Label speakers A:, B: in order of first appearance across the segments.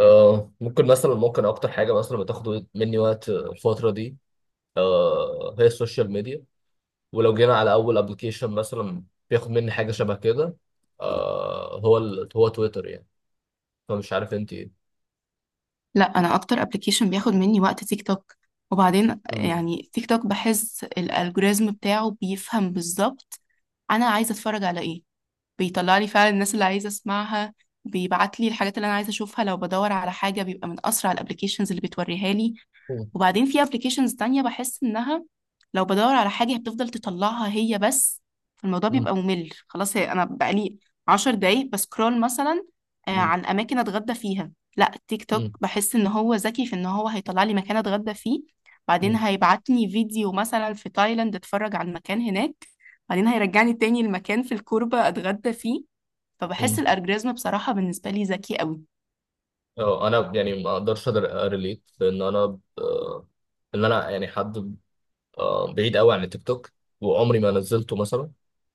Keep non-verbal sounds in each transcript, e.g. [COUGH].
A: ممكن مثلا اكتر حاجه مثلا بتاخد مني وقت الفتره دي، هي السوشيال ميديا. ولو جينا على اول ابلكيشن مثلا، بياخد مني حاجه شبه كده. هو تويتر يعني. فمش عارف انت ايه.
B: لا، انا اكتر ابلكيشن بياخد مني وقت تيك توك. وبعدين
A: مم.
B: يعني تيك توك بحس الالجوريزم بتاعه بيفهم بالظبط انا عايزه اتفرج على ايه. بيطلع لي فعلا الناس اللي عايزه اسمعها. بيبعت لي الحاجات اللي انا عايزه اشوفها، لو بدور على حاجه بيبقى من اسرع الابلكيشنز اللي بتوريها لي.
A: مم.
B: وبعدين في ابلكيشنز تانية بحس انها لو بدور على حاجة بتفضل تطلعها هي بس، فالموضوع
A: مم.
B: بيبقى ممل خلاص. هي انا بقالي 10 دقايق بسكرول مثلا
A: مم.
B: عن اماكن اتغدى فيها. لا تيك توك
A: مم.
B: بحس ان هو ذكي في ان هو هيطلع لي مكان اتغدى فيه. بعدين
A: مم.
B: هيبعتني فيديو مثلا في تايلاند اتفرج على المكان هناك. بعدين هيرجعني تاني المكان في الكوربة اتغدى فيه. فبحس
A: مم.
B: الالجوريزم بصراحة بالنسبة لي ذكي قوي.
A: اه انا يعني ما اقدرش اريليت لان انا، ان انا يعني حد بعيد قوي عن التيك توك، وعمري ما نزلته مثلا،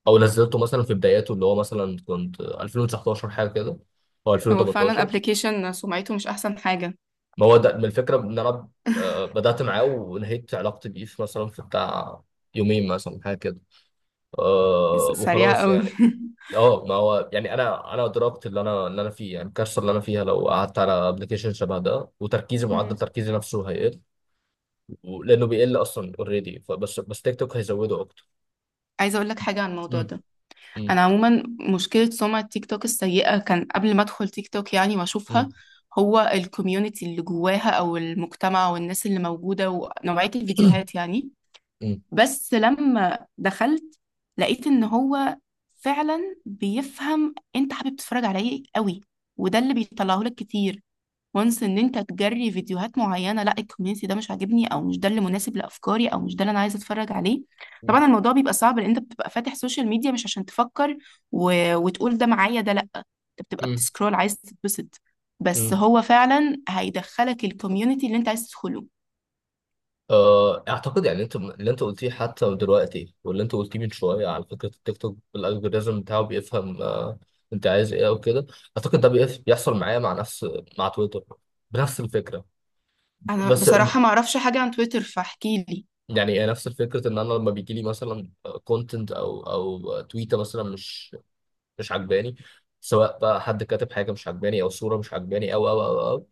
A: او نزلته مثلا في بداياته، اللي هو مثلا كنت 2019 حاجه كده، او
B: هو فعلا
A: 2018.
B: ابلكيشن سمعته مش احسن حاجة.
A: ما هو ده من الفكره ان انا
B: [LAUGHS]
A: بدات معاه ونهيت علاقتي بيه في مثلا في بتاع يومين مثلا حاجه كده.
B: سريعة
A: وخلاص
B: قوي.
A: يعني. اه ما هو يعني انا ادركت اللي انا فيه، يعني الكارثه اللي انا فيها لو قعدت على ابلكيشن شبه ده، وتركيزي
B: [LAUGHS]
A: معدل
B: مم.
A: تركيزي نفسه هيقل، لانه بيقل اصلا اوريدي، فبس تيك توك هيزوده اكتر.
B: عايزة اقول لك حاجة عن الموضوع
A: امم
B: ده. انا عموما مشكلة سمعة تيك توك السيئة كان قبل ما ادخل تيك توك يعني واشوفها
A: امم
B: هو الكوميونتي اللي جواها او المجتمع والناس اللي موجودة ونوعية الفيديوهات يعني.
A: مم.
B: بس لما دخلت لقيت ان هو فعلا بيفهم انت حابب تتفرج على ايه قوي، وده اللي بيطلعه لك كتير. وانس ان انت تجري فيديوهات معينه لا الكوميونتي ده مش عاجبني او مش ده اللي مناسب لافكاري او مش ده اللي انا عايزه اتفرج عليه.
A: مم.
B: طبعا الموضوع بيبقى صعب لان انت بتبقى فاتح سوشيال ميديا مش عشان تفكر و... وتقول ده معايا ده. لا انت بتبقى
A: مم.
B: بتسكرول عايز تتبسط. بس
A: مم.
B: هو فعلا هيدخلك الكوميونتي اللي انت عايز تدخله.
A: اعتقد يعني انت اللي انت قلتيه حتى دلوقتي واللي انت قلتيه من شويه، على فكره التيك توك الالجوريزم بتاعه بيفهم انت عايز ايه او كده. اعتقد ده بيحصل معايا مع نفس، مع تويتر، بنفس الفكره.
B: انا
A: بس
B: بصراحه ما اعرفش حاجه عن تويتر فاحكي لي.
A: يعني إيه نفس الفكره، ان انا لما بيجي لي مثلا كونتنت او تويته مثلا مش عجباني، سواء بقى حد كاتب حاجه مش عجباني، او صوره مش عجباني، او او او, أو.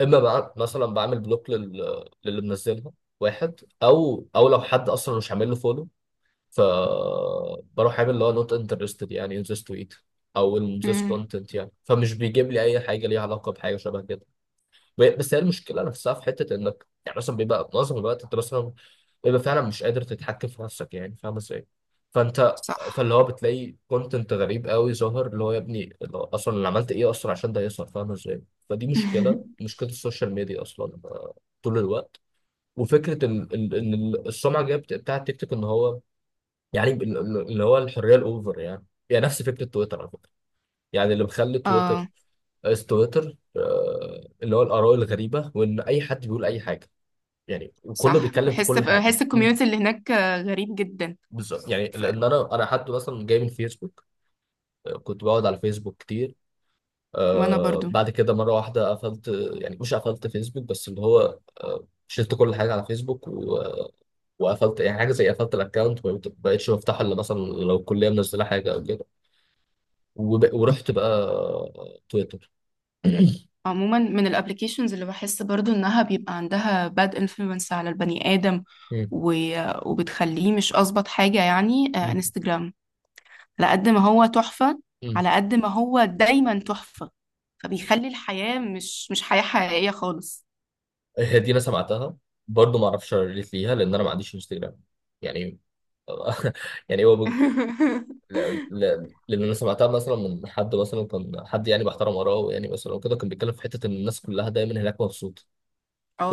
A: اما بقى مثلا بعمل بلوك للي منزلها واحد، او لو حد اصلا مش عامل له فولو، ف بروح عامل اللي هو نوت انترستد، يعني ان ذس تويت او ان ذس
B: امم.
A: كونتنت، يعني فمش بيجيب لي اي حاجه ليها علاقه بحاجه شبه كده. بس هي المشكله نفسها في حته انك يعني مثلا بيبقى معظم الوقت انت مثلا بيبقى فعلا مش قادر تتحكم في نفسك، يعني فاهم ازاي. فانت،
B: صح.
A: فاللي هو بتلاقي كونتنت غريب قوي ظاهر، اللي هو يا ابني اللي هو اصلا اللي عملت ايه اصلا عشان ده يظهر، فاهم ازاي. فدي مشكله،
B: [LAUGHS]
A: مشكله السوشيال ميديا اصلا طول الوقت. وفكره السمعه الجايه بتاعت تيك توك، ان هو يعني اللي هو الحريه الاوفر، يعني نفس فكره تويتر على فكره، يعني اللي مخلي
B: اه،
A: تويتر اس تويتر اللي هو الاراء الغريبه، وان اي حد بيقول اي حاجه، يعني وكله
B: صح.
A: بيتكلم في
B: بحس
A: كل حاجه.
B: بحس الكوميونتي اللي هناك غريب جدا.
A: بالظبط، يعني
B: ف...
A: لان انا حتى مثلا جاي من فيسبوك. كنت بقعد على فيسبوك كتير.
B: وانا برضو
A: بعد كده مره واحده قفلت. يعني مش قفلت فيسبوك، بس اللي هو شلت كل حاجه على فيسبوك وقفلت، يعني حاجه زي قفلت الاكونت، ما بقتش بفتحه الا مثلا لو الكليه منزله حاجه او كده. ورحت بقى تويتر. [CLEARS THROAT]
B: عموما من الابليكيشنز اللي بحس برضو انها بيبقى عندها باد انفلونس على البني ادم
A: مم.
B: و... وبتخليه مش اظبط حاجة يعني
A: مم.
B: انستجرام. على قد ما هو تحفة،
A: مم.
B: على قد ما هو دايما تحفة. فبيخلي الحياة مش حياة حقيقية خالص.
A: هي دي انا سمعتها، برضه ما اعرفش ريليت ليها لان انا ما عنديش انستجرام، يعني. [LAUGHS] يعني هو،
B: [LAUGHS]
A: لأن أنا سمعتها مثلا من حد، مثلا كان حد يعني محترم وراه يعني مثلا وكده، كان بيتكلم في حتة إن الناس كلها دايما هناك مبسوطة.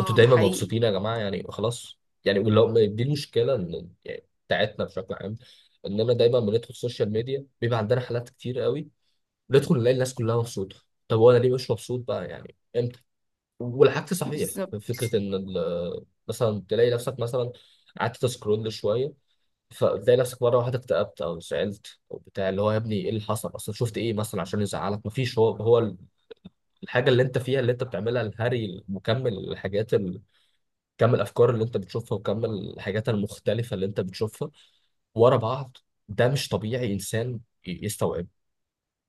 A: أنتوا
B: ده
A: دايما
B: حقيقي.
A: مبسوطين يا جماعة، يعني خلاص. يعني ولو دي المشكلة، إن يعني بتاعتنا بشكل عام، إننا دايما بندخل السوشيال ميديا بيبقى عندنا حالات كتير قوي، ندخل نلاقي الناس كلها مبسوطة. طب وأنا ليه مش مبسوط بقى، يعني إمتى؟ والعكس صحيح،
B: بالظبط.
A: فكرة إن مثلا تلاقي نفسك مثلا قعدت تسكرول شوية، فبتلاقي نفسك مره واحده اكتئبت او زعلت او بتاع، اللي هو يا ابني ايه اللي حصل اصلا، شفت ايه مثلا عشان يزعلك، مفيش. هو الحاجه اللي انت فيها، اللي انت بتعملها الهري مكمل، كم الافكار اللي انت بتشوفها، وكم الحاجات المختلفه اللي انت بتشوفها ورا بعض، ده مش طبيعي انسان يستوعب.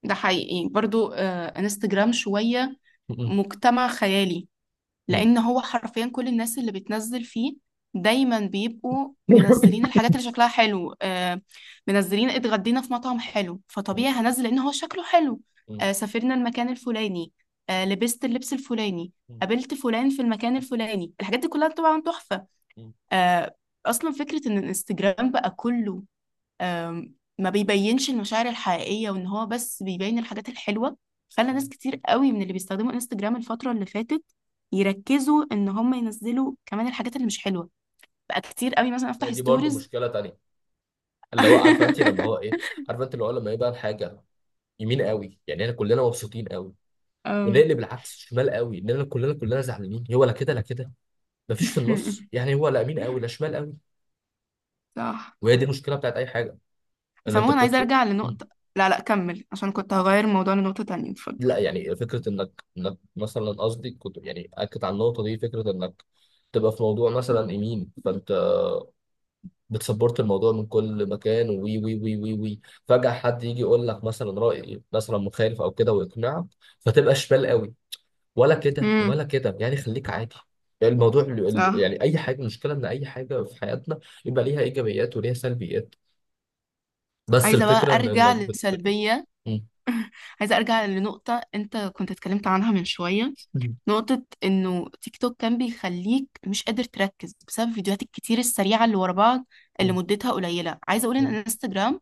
B: ده حقيقي برضو انستجرام شوية
A: م-
B: مجتمع خيالي.
A: م-
B: لان هو حرفيا كل الناس اللي بتنزل فيه دايما بيبقوا
A: م-
B: منزلين
A: [LAUGHS]
B: الحاجات اللي شكلها حلو منزلين اتغدينا في مطعم حلو
A: م-
B: فطبيعي هنزل لان هو شكله حلو.
A: م-
B: سافرنا المكان الفلاني. لبست اللبس الفلاني.
A: م-
B: قابلت فلان في المكان الفلاني. الحاجات دي كلها طبعا تحفة.
A: م-
B: آه اصلا فكرة ان الانستجرام بقى كله ما بيبينش المشاعر الحقيقية وان هو بس بيبين الحاجات الحلوة، خلى
A: م.
B: ناس كتير قوي من اللي بيستخدموا انستجرام الفترة اللي فاتت يركزوا ان هم ينزلوا كمان الحاجات اللي مش حلوة. بقى كتير قوي مثلا افتح
A: دي برضو
B: ستوريز.
A: مشكله تانية، اللي هو عارفه انت لما هو
B: [LAUGHS]
A: ايه، عارفه انت اللي هو لما يبقى الحاجه يمين قوي، يعني احنا كلنا مبسوطين قوي،
B: آم.
A: ونقلب العكس شمال قوي، اننا كلنا زعلانين، هو لا كده لا كده، مفيش في النص،
B: [LAUGHS]
A: يعني هو لا يمين قوي لا شمال قوي.
B: صح.
A: وهي دي المشكله بتاعت اي حاجه، ان انت
B: سموه. انا عايزة
A: بتدخل.
B: ارجع
A: مم.
B: لنقطة. لا، لا، كمل عشان كنت هغير الموضوع لنقطة تانية. اتفضل.
A: لا يعني فكره انك مثلا، قصدي كنت يعني اكد على النقطه دي، فكره انك تبقى في موضوع مثلا يمين، فانت بتسبورت الموضوع من كل مكان، وي وي وي وي وي، فجاه حد يجي يقول لك مثلا راي مثلا مخالف او كده ويقنعك، فتبقى شمال قوي. ولا كده
B: امم.
A: ولا كده، يعني خليك عادي. يعني الموضوع
B: صح.
A: يعني اي حاجه، المشكله ان اي حاجه في حياتنا يبقى ليها ايجابيات وليها سلبيات. بس
B: عايزة بقى
A: الفكره ان
B: ارجع
A: انك
B: لسلبية.
A: م-
B: عايزة ارجع لنقطة انت كنت اتكلمت عنها من شوية،
A: م-
B: نقطة إنه تيك توك كان بيخليك مش قادر تركز بسبب الفيديوهات الكتير السريعة اللي ورا بعض اللي
A: م-
B: مدتها قليلة. عايزة أقول إن انستجرام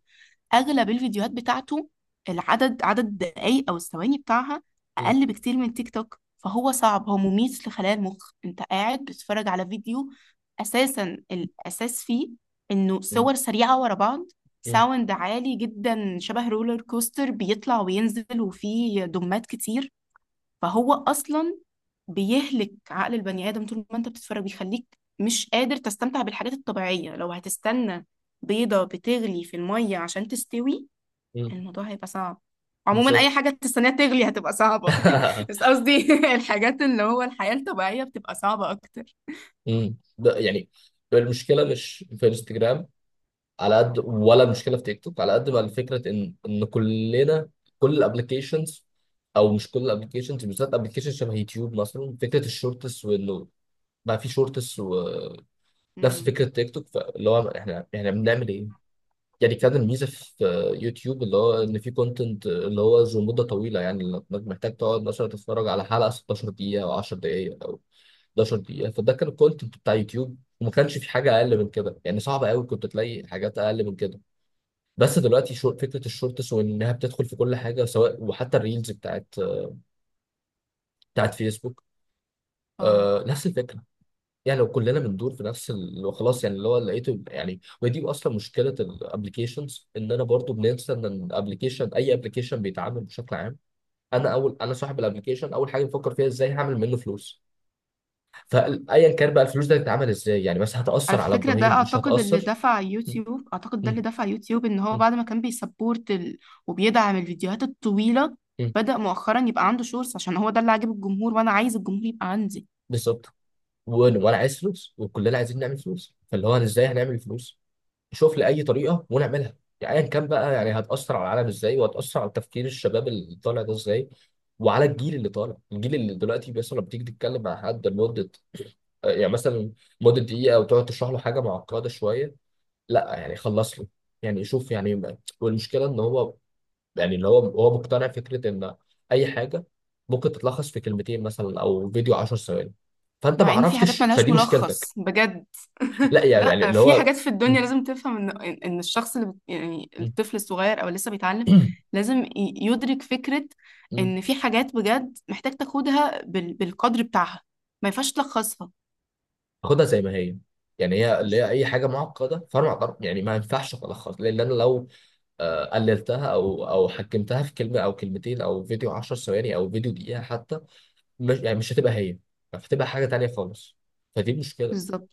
B: أغلب الفيديوهات بتاعته عدد الدقايق أو الثواني بتاعها
A: م-
B: أقل بكتير من تيك توك. فهو صعب، هو مميت لخلايا المخ. أنت قاعد بتتفرج على فيديو أساسا الأساس فيه إنه
A: م-
B: صور سريعة ورا بعض،
A: م-
B: ساوند عالي جدا شبه رولر كوستر بيطلع وينزل وفيه دمات كتير. فهو اصلا بيهلك عقل البني آدم طول ما انت بتتفرج بيخليك مش قادر تستمتع بالحاجات الطبيعية. لو هتستنى بيضة بتغلي في المية عشان تستوي
A: م-
B: الموضوع هيبقى صعب. عموما اي
A: بالظبط.
B: حاجة تستناها تغلي هتبقى صعبة. [LAUGHS] بس
A: [LAUGHS]
B: قصدي [LAUGHS] الحاجات اللي هو الحياة الطبيعية بتبقى صعبة اكتر.
A: م. ده يعني المشكله مش في انستجرام على قد، ولا المشكله في تيك توك على قد، ما الفكره ان كلنا، كل الابلكيشنز، او مش كل الابلكيشنز، بالذات ابلكيشن شبه يوتيوب مثلا، فكره الشورتس، وانه بقى في شورتس، نفس
B: امم.
A: فكره تيك توك. فاللي هو احنا بنعمل ايه؟ يعني كان الميزه في يوتيوب اللي هو ان في كونتنت اللي هو ذو مده طويله، يعني انك محتاج تقعد مثلا تتفرج على حلقه 16 دقيقه او 10 دقائق او 11 دقيقه. فده كان الكونتنت بتاع يوتيوب، وما كانش في حاجه اقل من كده، يعني صعب قوي كنت تلاقي حاجات اقل من كده. بس دلوقتي شو فكره الشورتس، وانها بتدخل في كل حاجه، سواء وحتى الريلز بتاعت فيسبوك،
B: اه،
A: نفس الفكره. يعني لو كلنا بندور في نفس خلاص، يعني اللي هو لقيته يعني. ودي اصلا مشكله الابلكيشنز، ان انا برضو بننسى ان الابلكيشن، اي ابلكيشن بيتعامل بشكل عام، انا اول، انا صاحب الابلكيشن، اول حاجه بفكر فيها ازاي هعمل منه فلوس. فايا كان بقى الفلوس دي هتتعمل ازاي، يعني مثلا
B: على
A: هتاثر على
B: فكرة، ده
A: ابراهيم مش هتاثر. م-
B: أعتقد ده
A: م-
B: اللي دفع يوتيوب إن هو
A: م-
B: بعد ما كان بيسبورت وبيدعم الفيديوهات الطويلة،
A: م-
B: بدأ مؤخرا يبقى عنده شورتس عشان هو ده اللي عاجب الجمهور وأنا عايز الجمهور يبقى عندي.
A: بالظبط. وأنا عايز فلوس، وكلنا عايزين نعمل فلوس، فاللي هو ازاي هنعمل فلوس. شوف لي اي طريقه ونعملها، يعني ايا كان بقى، يعني هتاثر على العالم ازاي، وهتاثر على تفكير الشباب اللي طالع ده ازاي، وعلى الجيل اللي طالع، الجيل اللي دلوقتي مثلا لما بتيجي تتكلم مع حد لمده، يعني مثلا مده دقيقه، وتقعد تشرح له حاجه معقده شويه، لا يعني خلص له، يعني شوف يعني والمشكله ان هو، يعني اللي هو مقتنع فكره ان اي حاجه ممكن تتلخص في كلمتين مثلا، او فيديو 10 ثواني، فانت ما
B: مع ان في حاجات
A: عرفتش،
B: ملهاش
A: فدي مشكلتك.
B: ملخص بجد.
A: لا
B: [LAUGHS]
A: يعني
B: لا
A: اللي
B: في
A: هو
B: حاجات في الدنيا لازم تفهم ان الشخص يعني الطفل الصغير او لسه بيتعلم لازم يدرك فكرة ان
A: [CLEARS THROAT]
B: في حاجات بجد محتاج تاخدها بالقدر بتاعها. ما ينفعش تلخصها.
A: خدها زي ما هي. يعني هي اللي هي
B: بالظبط.
A: اي حاجه معقده، فانا ما أقدر- يعني ما ينفعش الخص، لان انا لو قللتها او حجمتها في كلمه او كلمتين، او فيديو 10 ثواني، او فيديو دقيقه حتى، مش يعني مش هتبقى هي، هتبقى حاجه تانيه خالص. فدي مشكله،
B: بالظبط.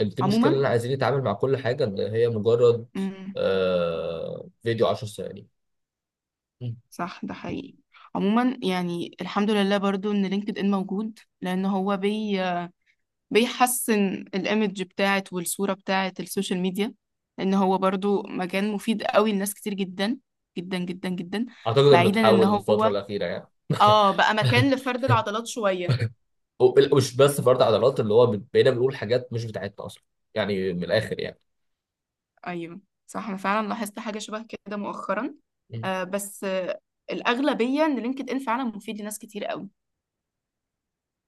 A: دي مشكله
B: عموما.
A: اللي عايزين نتعامل مع كل حاجه ان هي مجرد
B: امم.
A: فيديو 10 ثواني. مم.
B: صح. ده حقيقي. عموما يعني الحمد لله برضو ان لينكد ان موجود لان هو بيحسن الايمج بتاعت والصورة بتاعت السوشيال ميديا. لان هو برضو مكان مفيد قوي لناس كتير جدا جدا جدا جدا.
A: اعتقد انه
B: بعيدا ان
A: اتحول الفتره
B: هو
A: الاخيره يعني.
B: اه بقى
A: [LAUGHS]
B: مكان لفرد العضلات شوية.
A: ومش بس فرد عضلات، اللي هو بقينا بنقول حاجات مش بتاعتنا اصلا، يعني من الاخر،
B: ايوه، صح انا فعلا لاحظت حاجة شبه كده مؤخرا،
A: يعني
B: بس الأغلبية ان لينكد ان فعلا مفيد لناس كتير قوي.